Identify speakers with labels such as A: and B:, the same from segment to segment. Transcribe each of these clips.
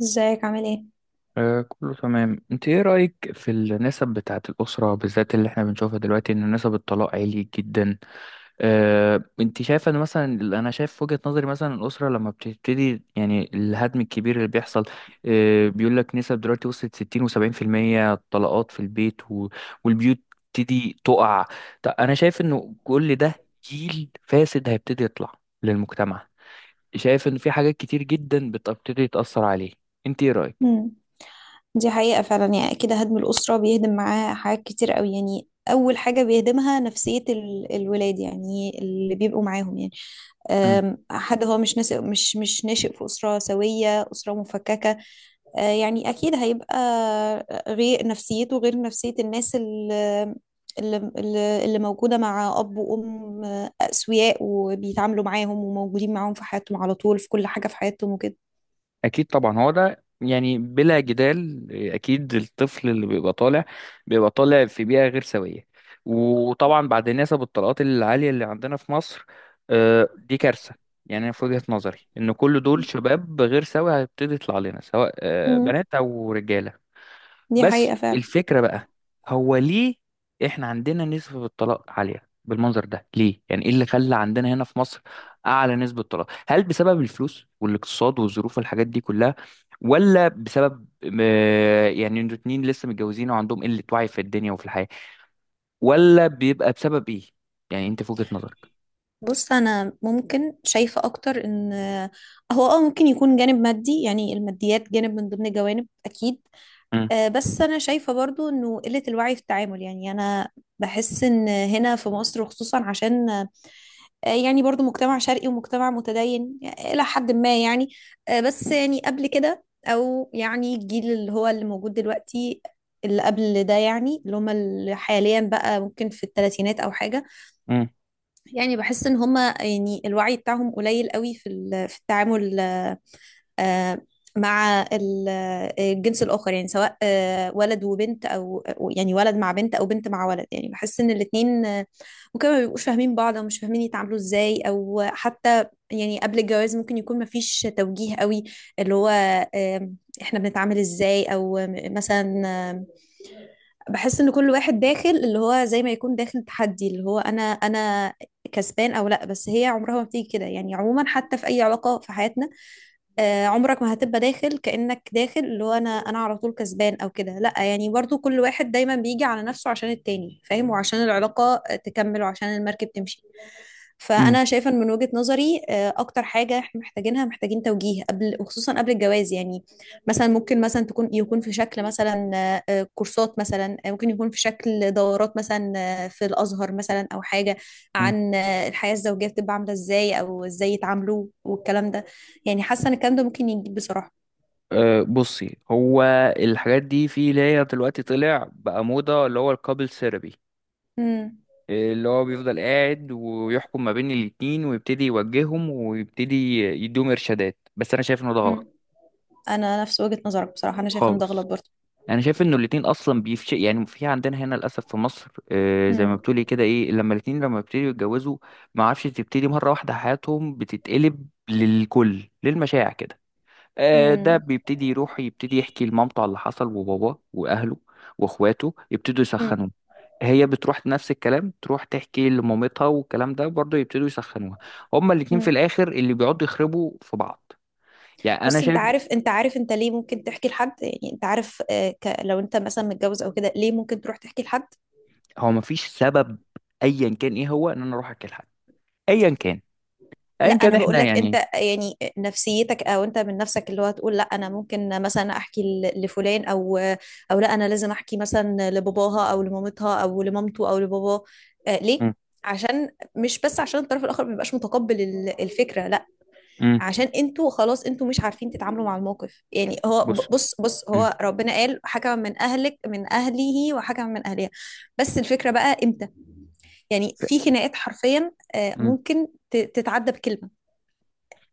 A: ازيك عامل ايه؟
B: كله تمام. انت ايه رأيك في النسب بتاعة الأسرة، بالذات اللي احنا بنشوفها دلوقتي، ان نسب الطلاق عالي جدا؟ انت شايفة ان مثلا، انا شايف في وجهة نظري مثلا الأسرة لما بتبتدي، يعني الهدم الكبير اللي بيحصل، بيقول لك نسب دلوقتي وصلت 60 و70% طلاقات في البيت و... والبيوت تبتدي تقع. طب انا شايف انه كل ده جيل فاسد هيبتدي يطلع للمجتمع. شايف ان في حاجات كتير جدا بتبتدي تأثر عليه. انت ايه رأيك؟
A: امم. دي حقيقة فعلا، يعني كده هدم الأسرة بيهدم معاه حاجات كتير قوي. يعني أول حاجة بيهدمها نفسية الولاد، يعني اللي بيبقوا معاهم. يعني أم، حد هو مش ناشئ في أسرة سوية، أسرة مفككة. يعني أكيد هيبقى غير نفسيته، غير نفسية الناس اللي موجودة مع أب وأم أسوياء، وبيتعاملوا معاهم وموجودين معاهم في حياتهم على طول، في كل حاجة في حياتهم وكده.
B: اكيد طبعا، هو ده يعني بلا جدال. اكيد الطفل اللي بيبقى طالع بيبقى طالع في بيئه غير سويه، وطبعا بعد نسب الطلاقات العاليه اللي عندنا في مصر، دي كارثه. يعني انا في وجهه نظري ان كل دول شباب غير سوي هيبتدي يطلع لنا، سواء
A: مم.
B: بنات او رجاله.
A: دي
B: بس
A: حقيقة فعلا.
B: الفكرة بقى، هو ليه احنا عندنا نسبة الطلاق عالية بالمنظر ده؟ ليه يعني؟ ايه اللي خلى عندنا هنا في مصر اعلى نسبة طلاق؟ هل بسبب الفلوس والاقتصاد والظروف والحاجات دي كلها، ولا بسبب يعني انتوا اتنين لسه متجوزين وعندهم قلة وعي في الدنيا وفي الحياة، ولا بيبقى بسبب ايه؟ يعني انت في وجهة نظرك.
A: بص، انا ممكن شايفه اكتر ان هو ممكن يكون جانب مادي، يعني الماديات جانب من ضمن جوانب، اكيد.
B: مم.
A: بس انا شايفه برضو انه قله الوعي في التعامل. يعني انا بحس ان هنا في مصر خصوصا عشان يعني برضو مجتمع شرقي ومجتمع متدين الى حد ما. يعني بس يعني قبل كده، او يعني الجيل اللي هو اللي موجود دلوقتي، اللي قبل ده، يعني اللي هم اللي حاليا بقى ممكن في الثلاثينات او حاجه.
B: مم.
A: يعني بحس ان هما يعني الوعي بتاعهم قليل قوي في في التعامل. آه، مع الجنس الآخر، يعني سواء ولد وبنت، أو يعني ولد مع بنت أو بنت مع ولد. يعني بحس إن الاتنين ممكن ما بيبقوش فاهمين بعض، أو مش فاهمين يتعاملوا إزاي، أو حتى يعني قبل الجواز ممكن يكون مفيش توجيه قوي. اللي هو آم، إحنا بنتعامل إزاي، أو مثلا. آم، بحس إن كل واحد داخل اللي هو زي ما يكون داخل تحدي، اللي هو أنا كسبان أو لأ. بس هي عمرها ما بتيجي كده، يعني عموما حتى في أي علاقة في حياتنا. عمرك ما هتبقى داخل كأنك داخل اللي هو انا على طول كسبان او كده، لا. يعني برضو كل واحد دايما بيجي على نفسه عشان التاني، فاهم، وعشان العلاقة تكمل وعشان المركب تمشي.
B: مم.
A: فانا شايفة إن من وجهة نظري اكتر حاجة احنا محتاجينها، محتاجين توجيه قبل، وخصوصا قبل الجواز. يعني مثلا ممكن مثلا يكون في شكل مثلا كورسات، مثلا ممكن يكون في شكل دورات مثلا، في الازهر مثلا، او حاجة
B: مم.
A: عن الحياة الزوجية، بتبقى عاملة ازاي، او ازاي يتعاملوا والكلام ده. يعني حاسة ان الكلام ده ممكن يجيب بصراحة.
B: أه بصي، هو الحاجات دي في اللي هي دلوقتي طلع بقى موضة، اللي هو الكابل ثيرابي،
A: امم.
B: اللي هو بيفضل قاعد ويحكم ما بين الاتنين ويبتدي يوجههم ويبتدي يديهم ارشادات، بس انا شايف انه ده غلط
A: امم. انا نفس وجهة نظرك بصراحة، انا شايفة ان ده
B: خالص.
A: غلط برضه.
B: انا شايف انه الاتنين اصلا بيفش، يعني في عندنا هنا للاسف في مصر، زي ما
A: امم.
B: بتقولي كده، ايه لما الاتنين لما بيبتدوا يتجوزوا ما عارفش، تبتدي مره واحده حياتهم بتتقلب للكل، للمشاع كده. ده
A: امم.
B: بيبتدي يروح يبتدي يحكي لمامته على اللي حصل، وباباه واهله واخواته يبتدوا
A: امم.
B: يسخنوه. هي بتروح نفس الكلام، تروح تحكي لمامتها والكلام ده برضه يبتدوا يسخنوها. هما الاتنين في
A: امم.
B: الاخر اللي بيقعدوا يخربوا في بعض. يعني انا
A: بص، انت
B: شايف
A: عارف انت عارف انت ليه ممكن تحكي لحد؟ يعني انت عارف، لو انت مثلا متجوز او كده، ليه ممكن تروح تحكي لحد؟
B: هو مفيش سبب ايا كان ايه هو ان انا اروح احكي لحد، ايا كان،
A: لا،
B: ايا كان
A: انا بقول
B: احنا
A: لك انت
B: يعني.
A: يعني نفسيتك، او انت من نفسك، اللي هو تقول لا، انا ممكن مثلا احكي لفلان، او او لا انا لازم احكي مثلا لباباها او لمامتها او لمامته او لباباه. ليه؟
B: مم.
A: عشان مش بس عشان الطرف الاخر ما بيبقاش متقبل الفكره، لا.
B: مم.
A: عشان انتوا خلاص انتوا مش عارفين تتعاملوا مع الموقف. يعني هو ب-
B: بص.
A: بص بص
B: مم.
A: هو ربنا قال حكم من اهلك، من اهله وحكم من اهلها. بس الفكره بقى امتى؟ يعني
B: ف-
A: في خناقات حرفيا
B: مم.
A: ممكن تتعدى بكلمه.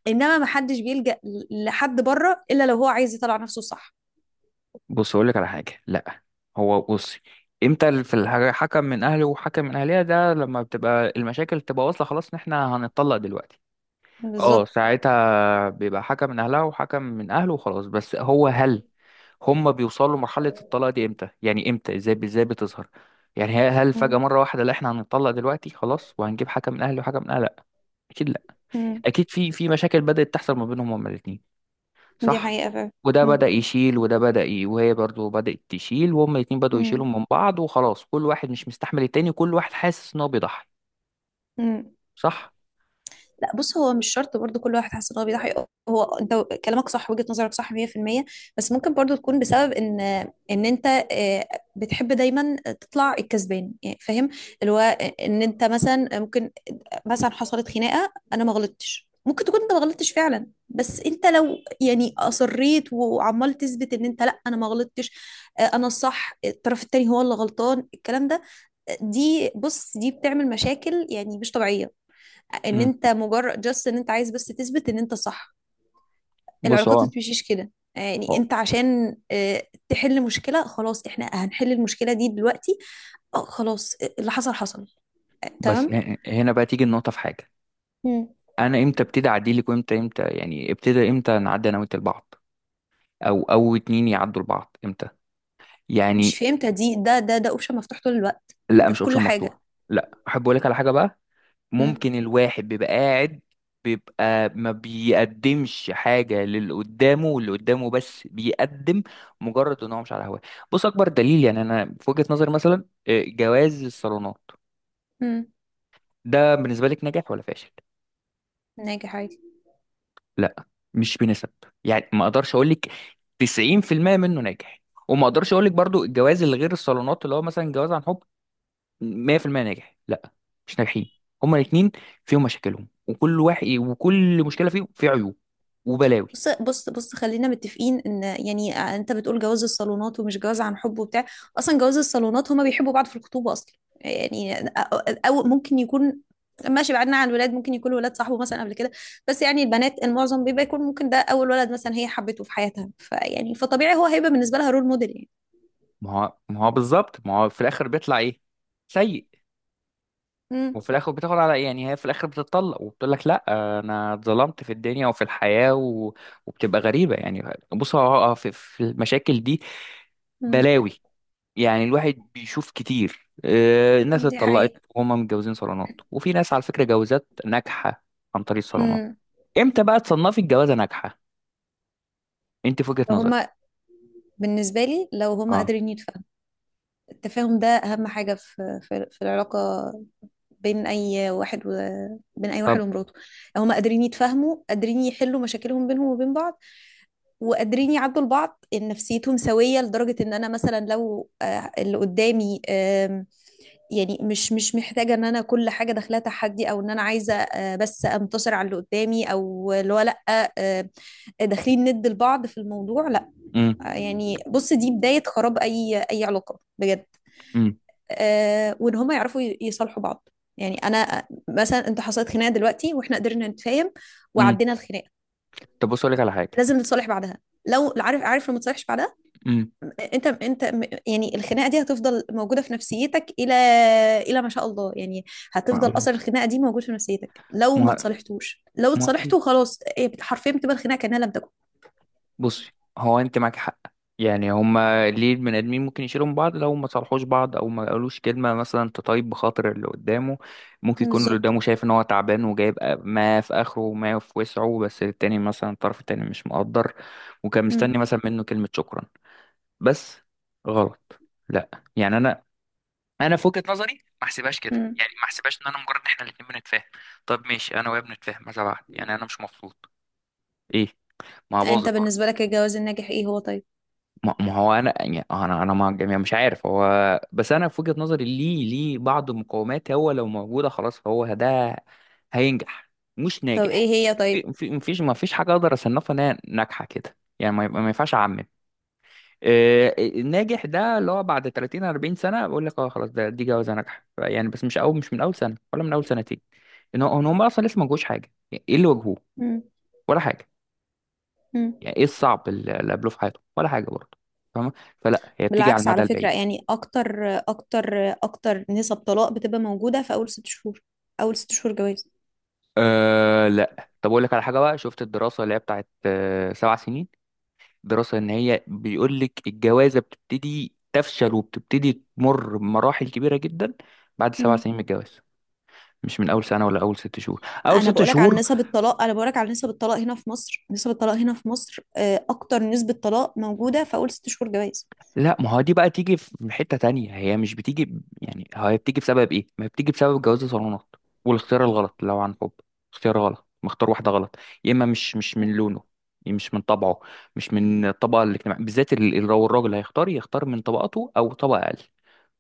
A: انما ما حدش بيلجأ لحد بره الا لو هو عايز يطلع نفسه، صح؟
B: بص اقول لك على حاجه. لا، هو بصي، امتى في الحاجة حكم من اهله وحكم من اهلها؟ ده لما بتبقى المشاكل تبقى واصله خلاص ان احنا هنتطلق دلوقتي. اه
A: بالظبط.
B: ساعتها بيبقى حكم من اهلها وحكم من اهله وخلاص. بس هو هل هم بيوصلوا لمرحله الطلاق دي امتى؟ يعني امتى؟ ازاي ازاي بتظهر؟ يعني هل فجأة
A: مم.
B: مرة واحدة لا احنا هنتطلق دلوقتي خلاص وهنجيب حكم من اهله وحكم من اهلها؟ لا، اكيد لا.
A: مم.
B: اكيد في مشاكل بدأت تحصل ما بينهم هما الاثنين،
A: دي
B: صح؟
A: حقيقة فعلا.
B: وده
A: مم.
B: بدأ يشيل وده بدأ ي... وهي برضو بدأت تشيل، وهما الاتنين بدأوا يشيلوا
A: مم.
B: من بعض، وخلاص كل واحد مش مستحمل التاني، وكل واحد حاسس ان هو بيضحي.
A: مم.
B: صح.
A: لا، بص، هو مش شرط برضو كل واحد حاسس ان هو بيضحي. هو انت كلامك صح، وجهة نظرك صح 100%. بس ممكن برضو تكون بسبب ان انت آه، بتحب دايما تطلع الكسبان، يعني فاهم، اللي هو ان انت مثلا ممكن مثلا حصلت خناقه، انا ما غلطتش، ممكن تكون انت ما غلطتش فعلا. بس انت لو يعني اصريت وعمال تثبت ان انت لا انا ما غلطتش، انا الصح، الطرف التاني هو اللي غلطان الكلام ده، دي، بص، دي بتعمل مشاكل يعني مش طبيعيه، ان
B: امم
A: انت مجرد جاست ان انت عايز بس تثبت ان انت صح.
B: بص،
A: العلاقات ما بتمشيش كده. يعني
B: هو-
A: انت عشان تحل مشكله خلاص، احنا هنحل المشكله دي دلوقتي، خلاص اللي حصل حصل،
B: بس
A: تمام.
B: هنا بقى تيجي النقطة في حاجة.
A: مم.
B: أنا إمتى ابتدي أعديلك؟ وإمتى إمتى يعني ابتدى، إمتى نعدي أنا وأنت لبعض، أو أو اتنين يعدوا لبعض إمتى؟
A: مش
B: يعني.
A: فهمتها دي. ده اوبشن مفتوح طول الوقت
B: لا
A: ده
B: مش
A: في كل
B: أوبشن
A: حاجة.
B: مفتوح. لا أحب أقول لك على حاجة بقى.
A: مم.
B: ممكن الواحد بيبقى قاعد بيبقى ما بيقدمش حاجة للي قدامه، واللي قدامه بس بيقدم مجرد ان هو مش على هواه. بص اكبر دليل، يعني انا في وجهة نظري مثلا، جواز الصالونات
A: مم.
B: ده بالنسبة لك ناجح ولا فاشل؟
A: ناجح عادي.
B: لا مش بنسب، يعني ما اقدرش اقول لك 90% منه ناجح، وما اقدرش اقول لك برضو الجواز اللي غير الصالونات، اللي هو مثلا جواز عن حب، 100% ناجح. لا، مش ناجحين هما الاثنين. فيهم مشاكلهم، وكل واحد وكل مشكله فيهم في عيوب وبلاوي.
A: بص خلينا متفقين ان يعني انت بتقول جواز الصالونات ومش جواز عن حب وبتاع. اصلا جواز الصالونات هما بيحبوا بعض في الخطوبة اصلا. يعني او ممكن يكون ماشي، بعدنا عن الولاد، ممكن يكون ولاد صاحبه مثلا قبل كده. بس يعني البنات المعظم بيبقى يكون ممكن ده اول ولد مثلا هي حبته في حياتها، فيعني فطبيعي هو هيبقى بالنسبة لها رول موديل يعني.
B: ما هو بالظبط، ما هو في الاخر بيطلع ايه؟ سيء.
A: مم.
B: وفي الاخر بتاخد على، يعني هي في الاخر بتتطلق وبتقول لك لا انا اتظلمت في الدنيا وفي الحياه و... وبتبقى غريبه يعني. هو في المشاكل دي
A: مم.
B: بلاوي، يعني الواحد بيشوف كتير. الناس
A: دي
B: اتطلقت
A: حقيقة.
B: وهم متجوزين صالونات، وفي ناس على فكره جوازات ناجحه عن طريق الصالونات.
A: مم.
B: امتى بقى تصنفي الجوازه ناجحه انت في وجهه
A: لو
B: نظرك؟
A: هما بالنسبة لي لو هما
B: اه.
A: قادرين يتفاهموا. التفاهم ده اهم حاجه في العلاقه، بين اي واحد و... بين اي واحد
B: طب.
A: ومراته. هما قادرين يتفاهموا، قادرين يحلوا مشاكلهم بينهم وبين بعض، وقادرين يعدوا لبعض، ان نفسيتهم سويه، لدرجه ان انا مثلا لو اللي قدامي يعني مش محتاجه ان انا كل حاجه داخلها تحدي، او ان انا عايزه بس انتصر على اللي قدامي، او اللي هو لا، آه، داخلين ند لبعض في الموضوع، لا.
B: امم
A: يعني بص، دي بدايه خراب اي اي علاقه بجد.
B: امم
A: وان هم يعرفوا يصالحوا بعض. يعني انا مثلا انت حصلت خناقه دلوقتي، واحنا قدرنا نتفاهم
B: امم
A: وعدينا الخناقه،
B: طب بص اقول لك على حاجه.
A: لازم نتصالح بعدها. لو عارف، عارف لو ما تصالحش بعدها
B: امم
A: انت انت، يعني الخناقه دي هتفضل موجوده في نفسيتك، الى ما شاء الله. يعني هتفضل
B: ما،
A: اثر الخناقه دي موجود في نفسيتك لو ما تصالحتوش. لو
B: ما اكيد.
A: اتصالحتوا خلاص، حرفيا بتبقى الخناقه كانها لم تكن.
B: بصي هو انت معاك حق، يعني هما ليه البني ادمين ممكن يشيلوا من بعض؟ لو ما صالحوش بعض او ما قالوش كلمه مثلا تطيب بخاطر اللي قدامه. ممكن يكون اللي
A: بالظبط.
B: قدامه شايف ان هو تعبان وجايب ما في اخره وما في وسعه، بس التاني مثلا الطرف التاني مش مقدر، وكان
A: مم.
B: مستني مثلا منه كلمه شكرا بس. غلط. لا، يعني انا، انا في وجهة نظري ما احسبهاش كده،
A: مم.
B: يعني ما احسبهاش ان انا مجرد ان احنا الاتنين بنتفاهم، طب ماشي انا وهي بنتفاهم ماذا بعد؟ يعني انا مش مبسوط. ايه؟ ما هو
A: انت
B: باظت برضه.
A: بالنسبه لك الجواز الناجح ايه هو، طيب؟
B: ما هو انا يعني، انا، انا مع الجميع مش عارف هو. بس انا في وجهة نظري، ليه ليه بعض المقومات هو لو موجودة خلاص فهو ده هينجح. مش
A: طب ايه
B: ناجح.
A: هي طيب؟
B: في مفيش حاجة اقدر اصنفها انها ناجحة كده، يعني ما ينفعش اعمم. الناجح ده اللي هو بعد 30 40 سنة بقول لك اه خلاص ده، دي جوازة ناجحة. يعني بس مش اول، مش من اول سنة ولا من اول سنتين، ان هو إن هم اصلا لسه ما جوش حاجه، يعني ايه اللي واجهوه
A: مم.
B: ولا حاجه؟
A: مم.
B: يعني ايه الصعب اللي قابلوه في حياتهم ولا حاجه برضه؟ فاهمه، فلا هي بتيجي على
A: بالعكس
B: المدى
A: على
B: البعيد.
A: فكرة، يعني أكتر أكتر أكتر نسب طلاق بتبقى موجودة في أول 6 شهور، أول ست شهور جواز.
B: أه لا، طب اقول لك على حاجه بقى، شفت الدراسه اللي هي بتاعت، 7 سنين؟ دراسه ان هي بيقول لك الجوازه بتبتدي تفشل وبتبتدي تمر بمراحل كبيره جدا بعد سبع
A: مم.
B: سنين من الجواز، مش من اول سنه ولا اول 6 شهور. اول ست شهور؟
A: أنا بقولك على نسب الطلاق هنا في مصر أكتر نسبة طلاق موجودة في أول ست شهور جواز.
B: لا ما هو دي بقى تيجي في حتة تانية، هي مش بتيجي يعني هي بتيجي بسبب ايه؟ ما هي بتيجي بسبب جواز الصالونات، والاختيار الغلط. لو عن حب، اختيار غلط مختار واحدة غلط، يا اما مش من لونه، مش من طبعه، مش من الطبقة الاجتماعية، بالذات لو الراجل هيختار يختار من طبقته او طبقة اقل،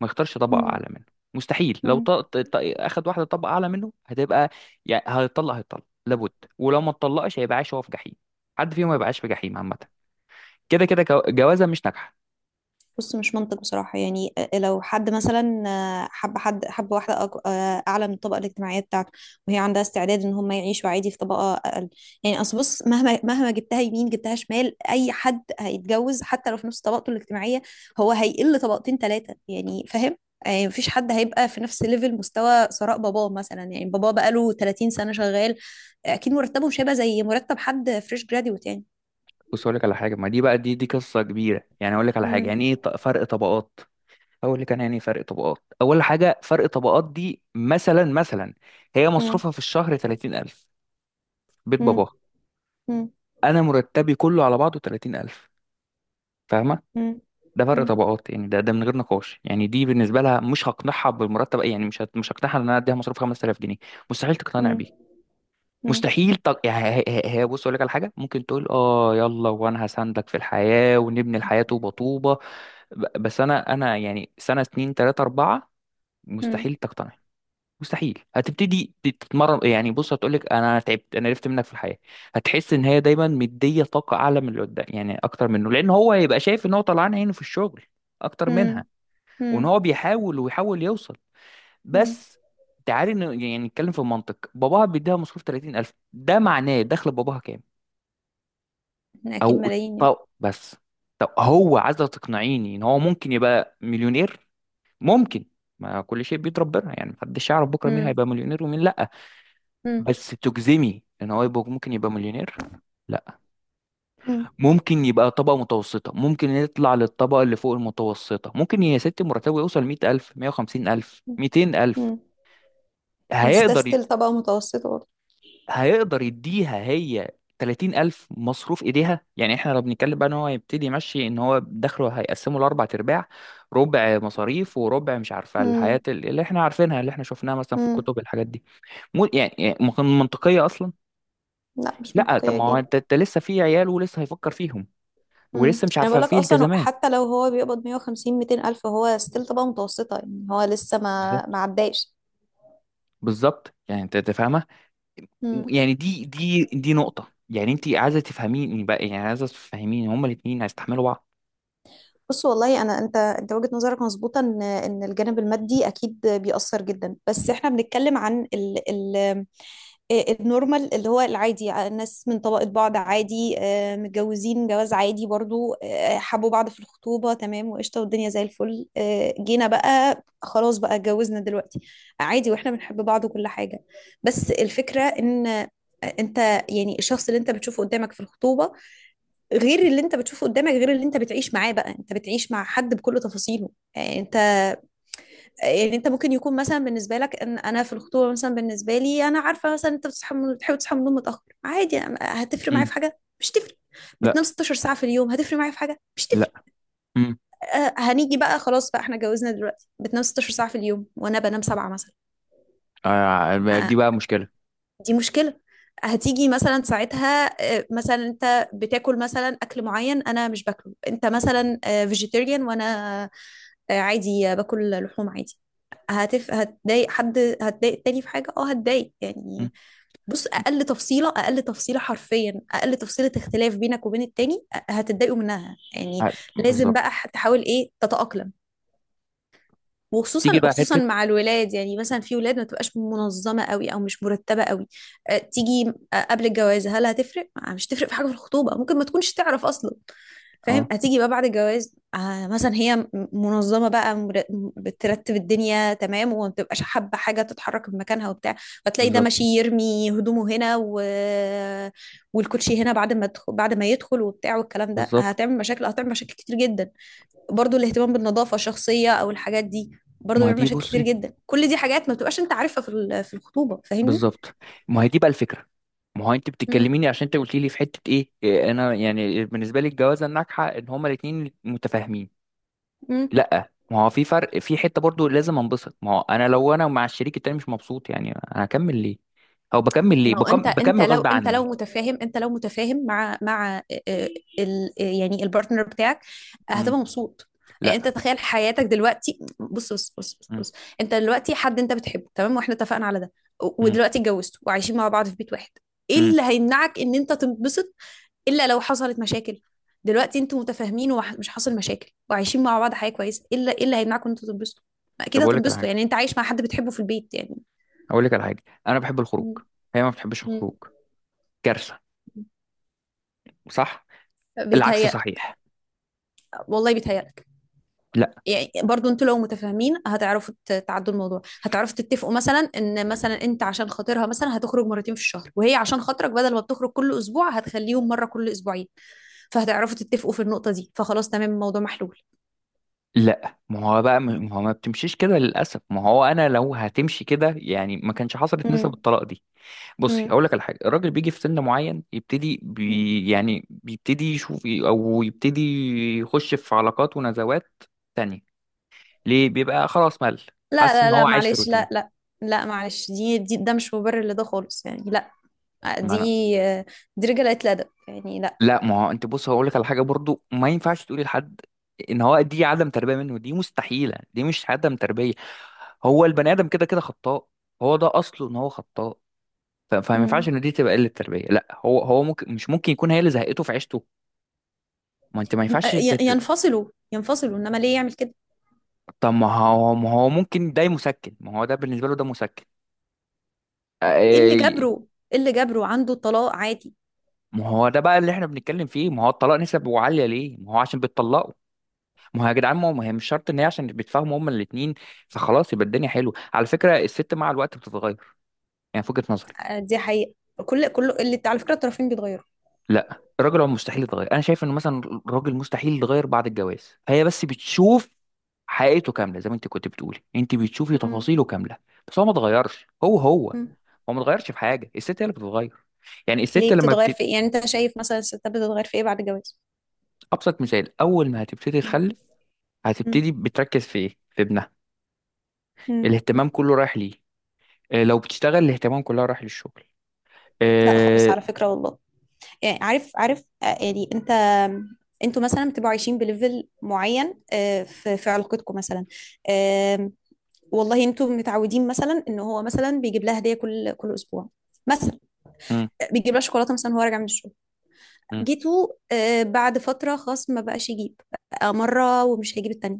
B: ما يختارش طبقة
A: مم.
B: اعلى منه، مستحيل. لو
A: مم.
B: اخد واحدة طبقة اعلى منه هتبقى، يعني هيطلق هيطلق لابد. ولو ما اتطلقش هيبقى عايش هو في جحيم، حد فيهم ما يبقاش في جحيم عامة، كده كده جوازة مش ناجحة.
A: بص، مش منطق بصراحة. يعني لو حد مثلا حب، حد حب واحدة أعلى من الطبقة الاجتماعية بتاعته، وهي عندها استعداد إن هم يعيشوا عادي في طبقة أقل. يعني أصل بص، مهما جبتها يمين جبتها شمال، أي حد هيتجوز حتى لو في نفس طبقته الاجتماعية، هو هيقل طبقتين ثلاثة يعني، فاهم؟ يعني مفيش حد هيبقى في نفس ليفل، مستوى ثراء باباه مثلا. يعني باباه بقاله 30 سنة شغال، أكيد مرتبه مش هيبقى زي مرتب حد فريش جراديوت يعني.
B: بص اقول لك على حاجه. ما دي بقى، دي قصه كبيره، يعني اقول لك على حاجه،
A: امم.
B: يعني ايه فرق طبقات. اقول لك انا يعني إيه فرق طبقات. اول حاجه فرق طبقات دي مثلا، مثلا هي
A: امم.
B: مصروفها في الشهر 30000، بيت
A: امم.
B: باباها.
A: امم.
B: انا مرتبي كله على بعضه 30000، فاهمه؟
A: امم.
B: ده فرق
A: إمم.
B: طبقات، يعني ده ده من غير نقاش. يعني دي بالنسبه لها مش هقنعها بالمرتب، يعني مش هقنعها ان انا اديها مصروف 5000 جنيه. مستحيل تقتنع
A: إمم.
B: بيه.
A: مم.
B: مستحيل تق... يعني بص اقول لك على حاجه، ممكن تقول اه يلا وانا هساندك في الحياه ونبني الحياه طوبه طوبه، بس انا، انا يعني سنه اتنين تلاته اربعه
A: مم.
B: مستحيل تقتنع. مستحيل هتبتدي تتمرن، يعني بص هتقولك انا تعبت، انا عرفت منك في الحياه. هتحس ان هي دايما مديه طاقه اعلى من اللي قدام، يعني اكتر منه، لان هو هيبقى شايف ان هو طلعان عينه في الشغل اكتر منها،
A: مم.
B: وان
A: مم.
B: هو بيحاول ويحاول يوصل.
A: مم.
B: بس تعالي يعني نتكلم في المنطق، باباها بيديها مصروف 30000 ده معناه دخل باباها كام؟
A: احنا اكيد
B: او،
A: ملايين يعني.
B: طب بس، طب هو عايز تقنعيني ان هو ممكن يبقى مليونير؟ ممكن، ما كل شيء بيد ربنا، يعني محدش يعرف بكره مين
A: مم.
B: هيبقى مليونير ومين لا.
A: مم.
B: بس تجزمي ان هو يبقى ممكن يبقى مليونير، لا.
A: مم.
B: ممكن يبقى طبقة متوسطة، ممكن يطلع للطبقة اللي فوق المتوسطة، ممكن يا ست مرتبه يوصل 100 ألف، 150 ألف، 200 ألف.
A: مم. بس ده
B: هيقدر،
A: ستيل طبقة متوسطة برضه.
B: هيقدر يديها هي 30 ألف مصروف إيديها؟ يعني إحنا لو بنتكلم بقى إن هو يبتدي يمشي، إن هو دخله هيقسمه لأربع أرباع، ربع مصاريف وربع مش عارفة
A: مم.
B: الحياة اللي إحنا عارفينها اللي إحنا شفناها مثلا في
A: مم.
B: الكتب الحاجات دي. مو يعني، يعني ما كان منطقية أصلا.
A: لا، مش
B: لا طب
A: منطقية
B: ما هو
A: اكيد.
B: أنت لسه في عيال ولسه هيفكر فيهم
A: مم.
B: ولسه مش
A: انا
B: عارفة
A: بقول لك
B: في
A: اصلا
B: التزامات.
A: حتى لو هو بيقبض 150 200 الف، هو ستيل طبقة متوسطة، يعني هو لسه ما
B: بالظبط،
A: عداش.
B: بالظبط. يعني أنت فاهمة؟
A: مم.
B: يعني دي نقطة. يعني أنت عايزة تفهميني بقى، يعني عايزة تفهميني هما الاتنين هيستحملوا بعض؟
A: بص والله، انا انت وجهة نظرك مظبوطة ان الجانب المادي اكيد بيأثر جدا، بس احنا بنتكلم عن ال... ال... آه، النورمال، اللي هو العادي، الناس من طبقة بعض عادي، متجوزين جواز عادي برضو، حبوا بعض في الخطوبة تمام وقشطة والدنيا زي الفل، جينا بقى خلاص بقى اتجوزنا دلوقتي عادي، واحنا بنحب بعض وكل حاجة. بس الفكرة ان آه، انت يعني الشخص اللي انت بتشوفه قدامك في الخطوبة، غير اللي انت بتشوفه قدامك، غير اللي انت بتعيش معاه. بقى انت بتعيش مع حد بكل تفاصيله. آه، انت يعني انت ممكن يكون مثلا بالنسبه لك، ان انا في الخطوبه مثلا بالنسبه لي انا عارفه مثلا انت بتصحى بتحب تصحى من النوم متاخر عادي. هتفرق معايا
B: امم
A: في حاجه، مش تفرق. بتنام
B: لا.
A: 16 ساعه في اليوم، هتفرق معايا في حاجه، مش تفرق.
B: لا امم
A: هنيجي بقى خلاص بقى احنا اتجوزنا دلوقتي، بتنام 16 ساعه في اليوم وانا بنام 7 مثلا.
B: آه.
A: آه
B: دي بقى مشكلة.
A: دي مشكله. هتيجي مثلا ساعتها مثلا انت بتاكل مثلا اكل معين انا مش باكله، انت مثلا فيجيتيريان وانا عادي باكل لحوم عادي. هتضايق، هتضايق التاني في حاجة، هتضايق
B: مم.
A: يعني. بص، اقل تفصيله، اقل تفصيله حرفيا، اقل تفصيله اختلاف بينك وبين التاني هتتضايقوا منها يعني. لازم بقى
B: بالظبط.
A: تحاول ايه؟ تتأقلم،
B: تيجي
A: وخصوصا
B: بقى
A: خصوصا
B: حتة.
A: مع الولاد. يعني مثلا في ولاد ما تبقاش منظمه قوي او مش مرتبه قوي. تيجي قبل الجواز هل هتفرق مش تفرق في حاجه؟ في الخطوبه ممكن ما تكونش تعرف اصلا، فاهم؟
B: اه.
A: هتيجي بقى بعد الجواز، آه، مثلا هي منظمه بقى بترتب الدنيا تمام، وما بتبقاش حابه حاجه تتحرك من مكانها وبتاع، فتلاقي ده
B: بالظبط،
A: ماشي يرمي هدومه هنا و...، والكوتشي هنا بعد ما تدخل، بعد ما يدخل وبتاع والكلام ده،
B: بالظبط.
A: هتعمل مشاكل، هتعمل مشاكل كتير جدا. برضو الاهتمام بالنظافة الشخصية او الحاجات دي برضو
B: ما
A: بيعمل
B: دي
A: مشاكل
B: بصي
A: كتير جدا. كل دي حاجات ما بتبقاش انت عارفها في في الخطوبة، فاهمني؟
B: بالظبط، ما هي دي بقى الفكره. ما هو انت
A: مم.
B: بتتكلميني عشان انت قلت لي في حته ايه، انا يعني بالنسبه لي الجوازه الناجحه ان هما الاثنين متفاهمين.
A: مم.
B: لا ما هو في فرق، في حته برضو لازم انبسط. ما هو انا لو انا مع الشريك التاني مش مبسوط، يعني انا هكمل ليه؟ او بكمل ليه؟
A: ما هو
B: بكمل غصب عني.
A: انت لو متفاهم مع يعني البارتنر بتاعك،
B: امم
A: هتبقى مبسوط. يعني انت
B: لا.
A: تخيل حياتك دلوقتي. بص بص بص بص,
B: امم
A: بص. انت دلوقتي حد انت بتحبه تمام، واحنا اتفقنا على ده،
B: امم
A: ودلوقتي اتجوزتوا وعايشين مع بعض في بيت واحد. ايه
B: امم
A: اللي هيمنعك ان انت تنبسط الا لو حصلت مشاكل؟ دلوقتي انتوا متفاهمين ومش حاصل مشاكل وعايشين مع بعض حياه كويسه، الا ايه اللي هيمنعكم ان انتوا تنبسطوا؟ ما اكيد
B: طب اقول لك على
A: هتنبسطوا،
B: حاجه،
A: يعني انت عايش مع حد بتحبه في البيت يعني.
B: اقول لك على حاجه، انا بحب الخروج.
A: مم.
B: هي ما بتحبش
A: مم.
B: الخروج. كارثه، صح. العكس
A: بيتهيألك.
B: صحيح.
A: والله بيتهيألك. يعني برضو انتوا لو متفاهمين هتعرفوا تعدوا الموضوع، هتعرفوا تتفقوا مثلا ان مثلا انت عشان خاطرها مثلا هتخرج مرتين في الشهر، وهي عشان خاطرك بدل ما بتخرج كل اسبوع هتخليهم مره كل اسبوعين. فهتعرفوا تتفقوا في النقطه دي، فخلاص تمام الموضوع محلول.
B: لا ما هو بقى ما هو ما بتمشيش كده للاسف. ما هو انا لو هتمشي كده يعني ما كانش حصلت نسب
A: مم.
B: الطلاق دي. بصي هقول لك على حاجه، الراجل بيجي في سن معين يبتدي
A: مم.
B: بي، يعني بيبتدي يشوف، او يبتدي يخش في علاقات ونزوات تانية. ليه؟ بيبقى خلاص مل،
A: لا
B: حاسس
A: لا
B: ان
A: لا،
B: هو عايش في
A: معلش، لا
B: روتين.
A: لا. لا معلش، دي, دي ده مش مبرر لده خالص يعني، لا.
B: ما
A: دي
B: انا
A: رجالة الأدب يعني، لا.
B: لا ما هو انت بص هقول لك على حاجه برضو، ما ينفعش تقولي لحد ان هو دي عدم تربيه منه، دي مستحيله دي مش عدم تربيه. هو البني ادم كده كده خطاء، هو ده اصله ان هو خطاء. فما ينفعش
A: مم.
B: ان دي تبقى قله تربيه، لا. هو ممكن، مش ممكن يكون هي اللي زهقته في عيشته؟ ما ينفعش
A: ينفصلوا، ينفصلوا إنما ليه يعمل كده؟
B: طب ما هو ممكن ده مسكن، ما هو ده بالنسبه له ده مسكن.
A: إيه اللي
B: آه،
A: جبره؟ عنده طلاق عادي.
B: ما هو ده بقى اللي احنا بنتكلم فيه، ما هو الطلاق نسبه عاليه ليه؟ ما هو عشان بيتطلقوا. ما هو يا جدعان ما هي مش شرط ان هي عشان بيتفاهموا هما الاثنين فخلاص يبقى الدنيا حلوه. على فكره الست مع الوقت بتتغير، يعني في وجهه نظري.
A: دي حقيقة. كل اللي على فكرة الطرفين بيتغيروا.
B: لا الراجل هو مستحيل يتغير، انا شايف انه مثلا الراجل مستحيل يتغير بعد الجواز، فهي بس بتشوف حقيقته كامله، زي ما انت كنت بتقولي انت بتشوفي
A: مم.
B: تفاصيله كامله. بس هو ما اتغيرش.
A: مم.
B: هو ما اتغيرش في حاجه، الست هي اللي بتتغير. يعني
A: ليه
B: الست لما
A: بتتغير
B: بت...
A: في إيه؟ يعني أنت شايف مثلا الستات بتتغير في إيه بعد الجواز؟
B: ابسط مثال، اول ما هتبتدي
A: مم.
B: تخلف
A: مم.
B: هتبتدي بتركز في ايه؟ في ابنها.
A: مم.
B: الاهتمام كله رايح ليه. لو بتشتغل الاهتمام كلها رايح للشغل.
A: لا خالص
B: آه،
A: على فكرة، والله. يعني عارف، يعني انت، انتوا مثلا بتبقوا عايشين بليفل معين في علاقتكم مثلا، آم، والله انتوا متعودين مثلا ان هو مثلا بيجيب لها هديه كل اسبوع مثلا،
B: مم،
A: بيجيب لها شوكولاته مثلا وهو راجع من الشغل.
B: مم،
A: جيتوا بعد فتره خلاص ما بقاش يجيب، بقى مره ومش هيجيب التانيه،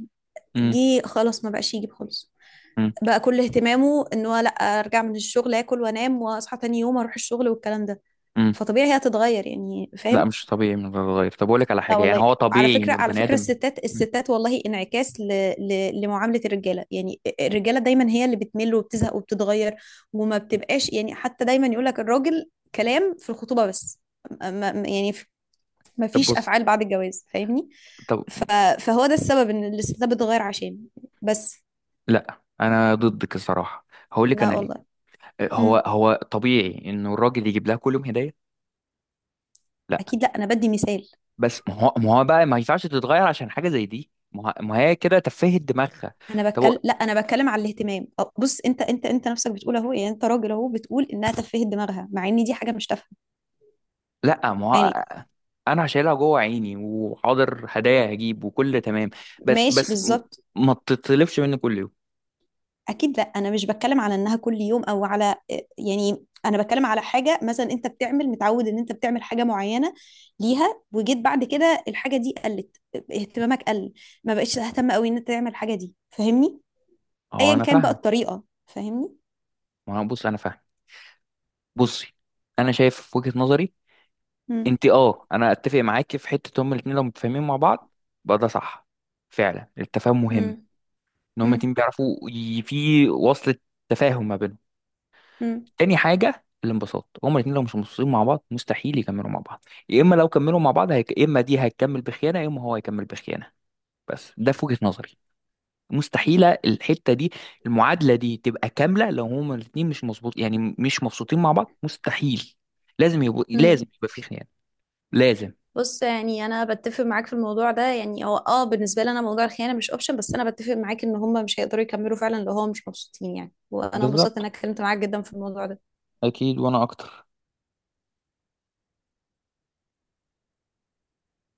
B: مم،
A: جه خلاص ما بقاش يجيب خالص،
B: مم،
A: بقى كل اهتمامه ان هو لا ارجع من الشغل اكل وانام واصحى تاني يوم اروح الشغل والكلام ده،
B: مم.
A: فطبيعي هي هتتغير يعني،
B: لا
A: فاهم؟
B: مش طبيعي انه يتغير. طب اقول لك على
A: لا
B: حاجه، يعني
A: والله.
B: هو
A: على
B: طبيعي
A: فكرة،
B: انه
A: على
B: البني
A: فكرة
B: ادم،
A: الستات، الستات والله انعكاس لمعاملة الرجالة. يعني الرجالة دايما هي اللي بتمل وبتزهق وبتتغير، وما بتبقاش يعني. حتى دايما يقولك الراجل، كلام في الخطوبة بس، ما... ما- يعني ف- ما
B: طب
A: فيش
B: بص
A: أفعال بعد الجواز، فاهمني؟
B: طب
A: ف... فهو ده السبب ان الستات بتتغير، عشان بس.
B: لا انا ضدك الصراحه، هقول لك
A: لا
B: انا ليه.
A: والله.
B: هو
A: مم.
B: هو طبيعي انه الراجل يجيب لها كل يوم هديه؟ لا.
A: اكيد لا، انا بدي مثال.
B: بس ما هو ما هو بقى ما ينفعش تتغير عشان حاجه زي دي، ما هي كده تفهت دماغها.
A: انا
B: طب هو-
A: بتكلم لا، انا بتكلم على الاهتمام. أو بص، انت نفسك بتقول اهو، يعني انت راجل اهو، بتقول انها تفهت دماغها، مع ان دي حاجه مش تافهه
B: لا ما
A: يعني.
B: هو انا شايلها جوه عيني، وحاضر هدايا هجيب وكل تمام، بس
A: ماشي،
B: بس
A: بالظبط.
B: ما تطلبش مني كل يوم.
A: اكيد لا، انا مش بتكلم على انها كل يوم، او على. يعني انا بتكلم على حاجه مثلا انت بتعمل، متعود ان انت بتعمل حاجه معينه ليها، وجيت بعد كده الحاجه دي قلت، اهتمامك قل، ما بقتش تهتم قوي ان انت تعمل الحاجه دي، فاهمني؟
B: هو
A: ايا
B: انا
A: كان بقى
B: فاهم.
A: الطريقه، فاهمني؟
B: ما هو بص انا فاهم. بصي، انا شايف في وجهه نظري،
A: امم.
B: انت اه، انا اتفق معاكي في حته، هما الاثنين لو متفاهمين مع بعض بقى ده صح، فعلا التفاهم مهم، ان هما
A: امم.
B: الاتنين بيعرفوا في وصلة تفاهم ما بينهم. تاني حاجه الانبساط، هما الاثنين لو مش مبسوطين مع بعض مستحيل يكملوا مع بعض. يا اما لو كملوا مع بعض يا اما دي هتكمل بخيانه، يا اما هو هيكمل بخيانه، بس ده في وجهه نظري. مستحيله الحته دي، المعادله دي تبقى كامله لو هما الاثنين مش مظبوط، يعني مش مبسوطين مع بعض مستحيل، لازم يبقى، لازم
A: امم.
B: يبقى في خيانه، لازم.
A: بص، يعني انا بتفق معاك في الموضوع ده. يعني هو اه، بالنسبه لي انا موضوع الخيانه مش اوبشن، بس انا بتفق معاك ان هم مش هيقدروا يكملوا فعلا لو هم مش مبسوطين يعني. وانا انبسطت ان انا
B: بالظبط،
A: اتكلمت معاك جدا في الموضوع ده.
B: أكيد وأنا أكتر.